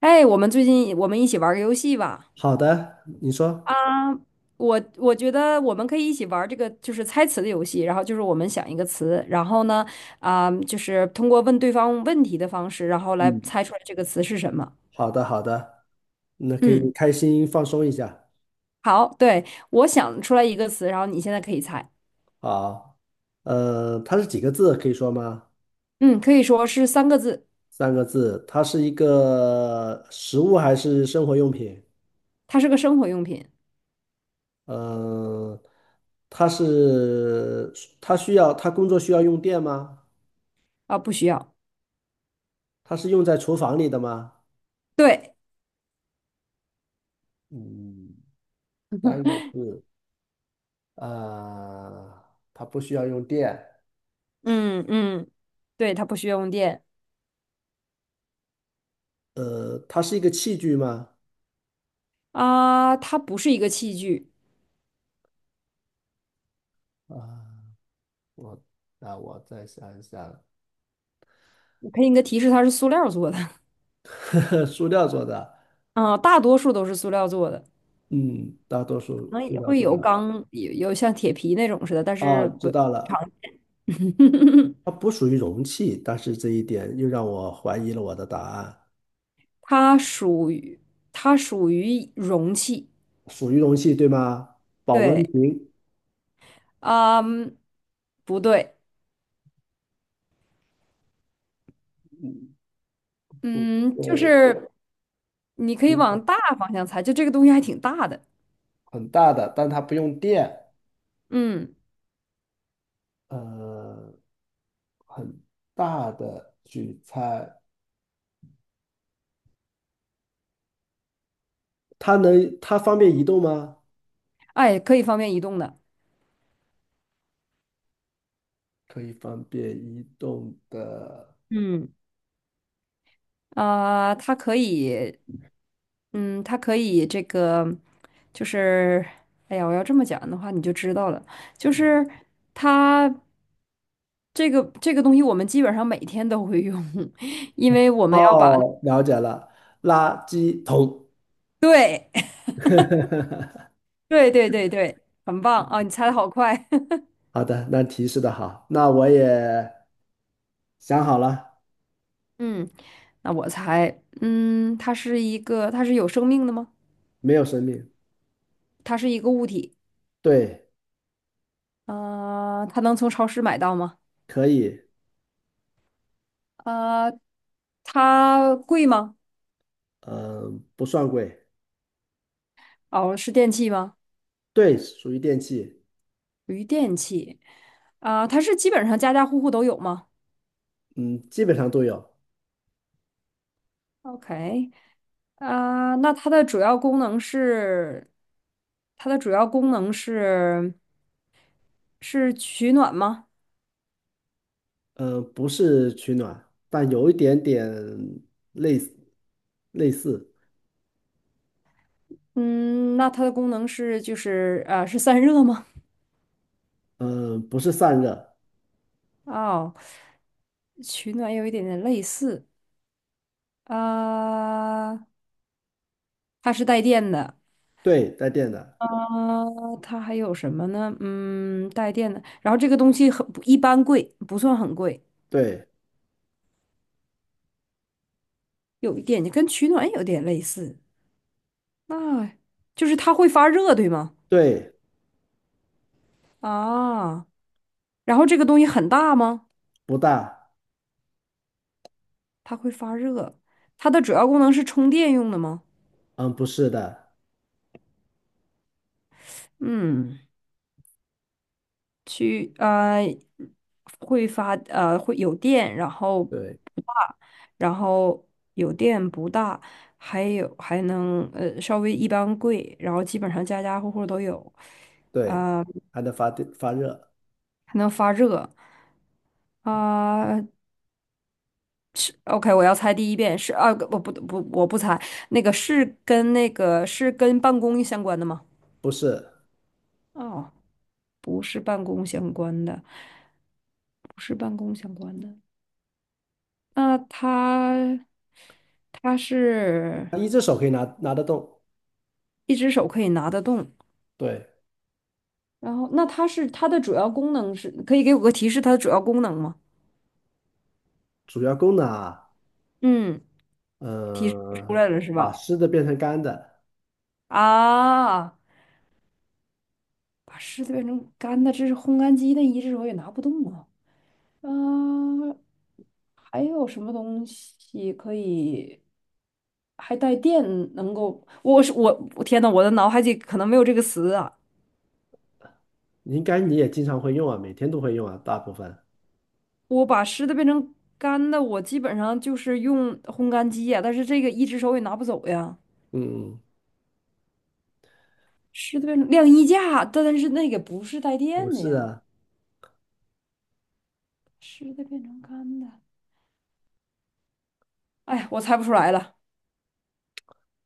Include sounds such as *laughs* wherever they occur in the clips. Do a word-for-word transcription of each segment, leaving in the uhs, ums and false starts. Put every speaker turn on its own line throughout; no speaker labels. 哎，我们最近我们一起玩个游戏吧。
好的，你说。
我我觉得我们可以一起玩这个就是猜词的游戏，然后就是我们想一个词，然后呢，啊、就是通过问对方问题的方式，然后来
嗯，
猜出来这个词是什么。
好的，好的，那可
嗯，
以开心放松一下。
好，对，我想出来一个词，然后你现在可以猜。
好，呃，它是几个字？可以说吗？
嗯，可以说是三个字，
三个字。它是一个食物还是生活用品？
它是个生活用品。
呃，它是，它需要，它工作需要用电吗？
啊、不需要。
它是用在厨房里的吗？
对。
嗯，三个字。啊，它不需要用电。
嗯嗯，对，它不需要用电。
呃，它是一个器具吗？
啊、它不是一个器具。
啊。我那我再想一想。
我给你个提示，它是塑料做的。
*laughs* 塑料做的，
*laughs* 啊、大多数都是塑料做的。
嗯，大多
可
数
能
塑
也
料
会
做
有
的。
钢，有有像铁皮那种似的，但是
哦，知
不，
道了，它
*laughs*
不属于容器，但是这一点又让我怀疑了我的答案。
它属于它属于容器。
属于容器，对吗？保温
对，
瓶，
啊，不对，
嗯，
嗯，就
对，
是你可以
瓶子
往大方向猜，就这个东西还挺大的。
很大的，但它不用电。
嗯，
呃，很大的取材，它能，它方便移动吗？
哎，可以方便移动的。
可以方便移动的。
嗯，啊、它可以嗯，它可以这个，就是，哎呀，我要这么讲的话，你就知道了。就是它这个这个东西，我们基本上每天都会用，*laughs* 因为我们要把
哦，了解了，垃圾桶。
对 *laughs*
*laughs*
对对对对，很棒啊！你猜的好快。
好的，那提示的好，那我也想好了。
*laughs* 嗯，那我猜，嗯，它是一个，它是有生命的吗？
没有生命，
它是一个物体。
对，
呃，它能从超市买到吗？
可以，
呃，它贵吗？
嗯、不算贵，
哦，是电器吗？
对，属于电器，
于电器啊，它是基本上家家户户都有吗
嗯，基本上都有，
？OK，啊，那它的主要功能是它的主要功能是是取暖吗？
嗯、不是取暖，但有一点点类似，类似，
嗯，那它的功能是就是呃是散热吗？
嗯、不是散热，
哦，取暖有一点点类似啊，它是带电的。
对，带电的，
啊，它还有什么呢？嗯，带电的。然后这个东西很不一般贵，不算很贵，
对，
有一点跟取暖有点类似。那就是它会发热，对吗？
对，
啊，然后这个东西很大吗？
不大，
它会发热，它的主要功能是充电用的吗？
嗯、不是的，
嗯，去呃会发呃会有电，然后
对，
不大，然后有电不大，还有还能呃稍微一般贵，然后基本上家家户户都有，
对，还能发电发热，
还能发热啊，OK，我要猜第一遍是啊，我不不我不猜，那个是跟那个是跟办公相关的吗？
不是，
哦，是办公相关的，不是办公相关的。那它它是
一只手可以拿拿得动，
一只手可以拿得动，
对。
然后那它是它的主要功能是，可以给我个提示它的主要功能吗？
主要功能啊，
嗯，提示出
呃，
来了是
把
吧？
湿的变成干的。
啊，把湿的变成干的，这是烘干机，那一只手也拿不动啊。嗯、还有什么东西可以还带电？能够，我是我，我天呐，我的脑海里可能没有这个词啊。
应该你也经常会用啊，每天都会用啊，大部分。
我把湿的变成干的，我基本上就是用烘干机呀、但是这个一只手也拿不走呀。
嗯，
湿的变成晾衣架，但是那个不是带
不
电的
是
呀。
啊，
湿的变成干的，哎呀，我猜不出来了。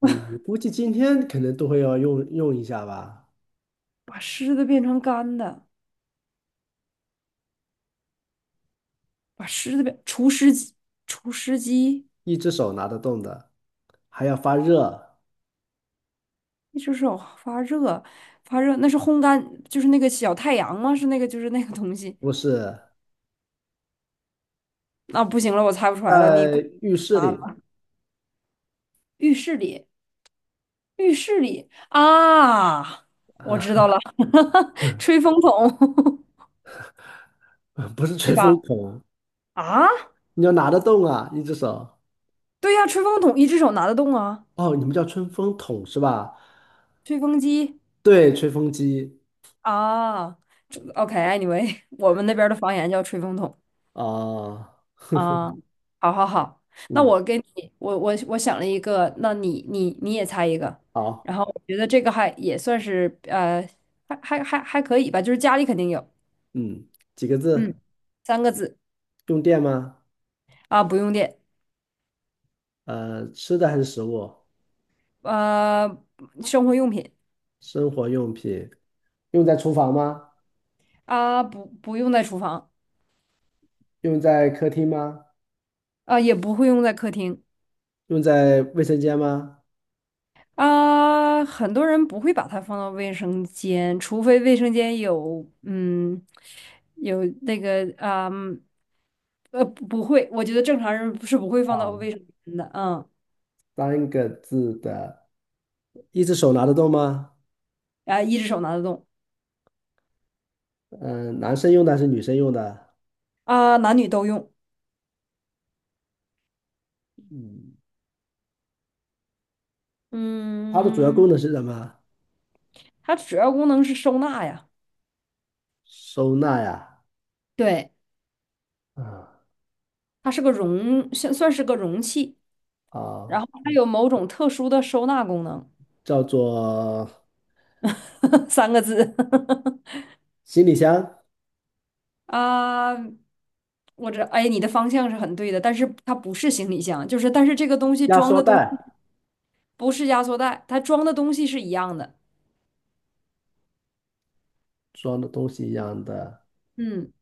你你估计今天可能都会要用用一下吧，
把湿的变成干的，把湿的变除湿机，除湿机。
一只手拿得动的，还要发热，
一只手发热，发热，那是烘干，就是那个小太阳吗？是那个，就是那个东西。
不是，
啊，不行了，我猜不出来了，你啊，
在浴室里
浴室里，浴室里啊，我知道
啊。
了，*laughs* 吹风筒，*laughs*
*laughs* 不是
对
吹
吧？
风筒，
啊，
你要拿得动啊，一只手。
对呀，吹风筒一只手拿得动啊，
哦，你们叫吹风筒是吧？
吹风机
对，吹风机
啊这，OK，anyway，我们那边儿的方言叫吹风筒。
啊。
啊，好好好，那
嗯，
我跟你，我我我想了一个，那你你你也猜一个，
好，
然后我觉得这个还也算是呃，还还还还可以吧，就是家里肯定有。
嗯，几个
嗯，
字？
三个字。
用电吗？
啊，不用电。
呃，吃的还是食物，
呃，生活用品。
生活用品，用在厨房吗？
啊，不不用在厨房。
用在客厅吗？
啊，也不会用在客厅。
用在卫生间吗？
啊，很多人不会把它放到卫生间，除非卫生间有嗯有那个啊。嗯呃，不不会，我觉得正常人是不会放到
啊，
卫生间的。嗯，
三个字的，一只手拿得动吗？
啊，一只手拿得动。
嗯、男生用的还是女生用的？
啊，男女都用。
它的主要
嗯，
功能是什么？
它主要功能是收纳呀。
收纳呀，
对，
啊
它是个容，算算是个容器，然
啊，
后它有某种特殊的收纳功能。
叫做
*laughs* 三个字。*laughs*
行李箱、
啊，我这，哎，你的方向是很对的，但是它不是行李箱，就是但是这个东西
压
装
缩
的东
袋，
不是压缩袋，它装的东西是一样的。
装的东西一样的。
嗯。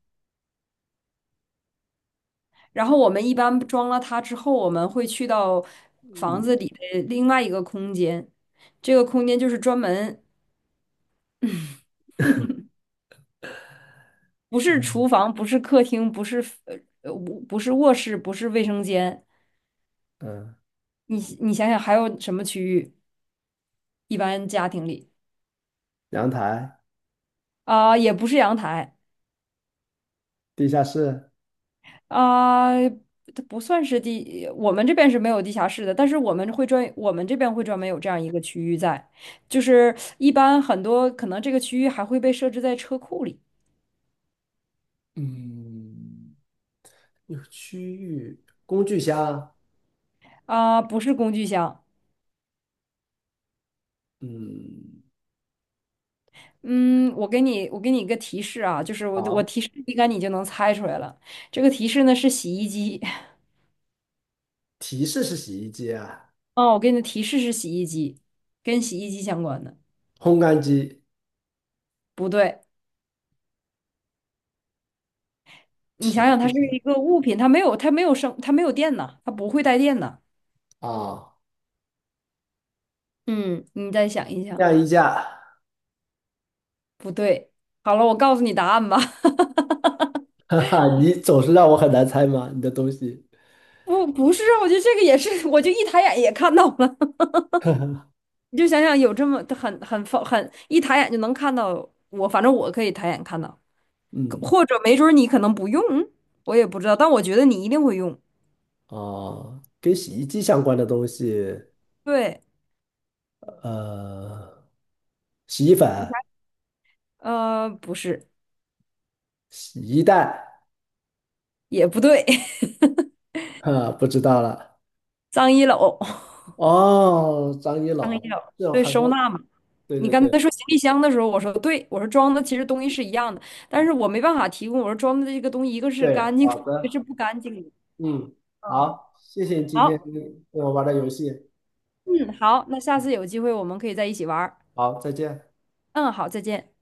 然后我们一般装了它之后，我们会去到房
嗯，
子里的另外一个空间，这个空间就是专门 *laughs* 不是厨房，不是客厅，不是呃呃不不是卧室，不是卫生间。
呃
你你想想还有什么区域？一般家庭里
阳台、
啊、也不是阳台。
地下室，
啊、它不算是地，我们这边是没有地下室的，但是我们会专我们这边会专门有这样一个区域在，就是一般很多可能这个区域还会被设置在车库里。
嗯，一个区域工具箱，
啊、不是工具箱。
嗯，
嗯，我给你，我给你一个提示啊，就是我我
好，
提示应该你就能猜出来了。这个提示呢是洗衣机。*laughs*
提示是洗衣机啊，
哦，我给你的提示是洗衣机，跟洗衣机相关的。
烘干机
不对，你想想，它是一个物品，它没有，它没有生，它没有电呐，它不会带电呐。
啊，
嗯，你再想一想，
晾衣架。
不对。好了，我告诉你答案吧。*laughs*
*laughs* 哈哈，你总是让我很难猜吗？你的东西，
不，不是，啊，我觉得这个也是，我就一抬眼也看到了。*laughs* 你就想想，有这么很很很一抬眼就能看到我，反正我可以抬眼看到。
嗯，
或者没准儿你可能不用，我也不知道，但我觉得你一定会用。
哦，跟洗衣机相关的东西，
对，
呃，洗衣粉、
你想，呃，不是，
洗衣袋，
也不对。*laughs*
哈，不知道了。
脏衣篓。*laughs*
哦，张一
脏衣
老，
篓，
这有
对，
很
收
多，
纳嘛。
对
你
对
刚
对
才说行李箱的时候，我说对，我说装的其实东西是一样的，但是我没办法提供，我说装的这个东西一个是
对，
干净的
好
*laughs* 一个
的，
是不干净的。
嗯，
嗯，
好，谢谢你今天
好。
跟我玩的游戏，
嗯，好，那下次有机会我们可以在一起玩儿。
好，再见。
嗯，好，再见。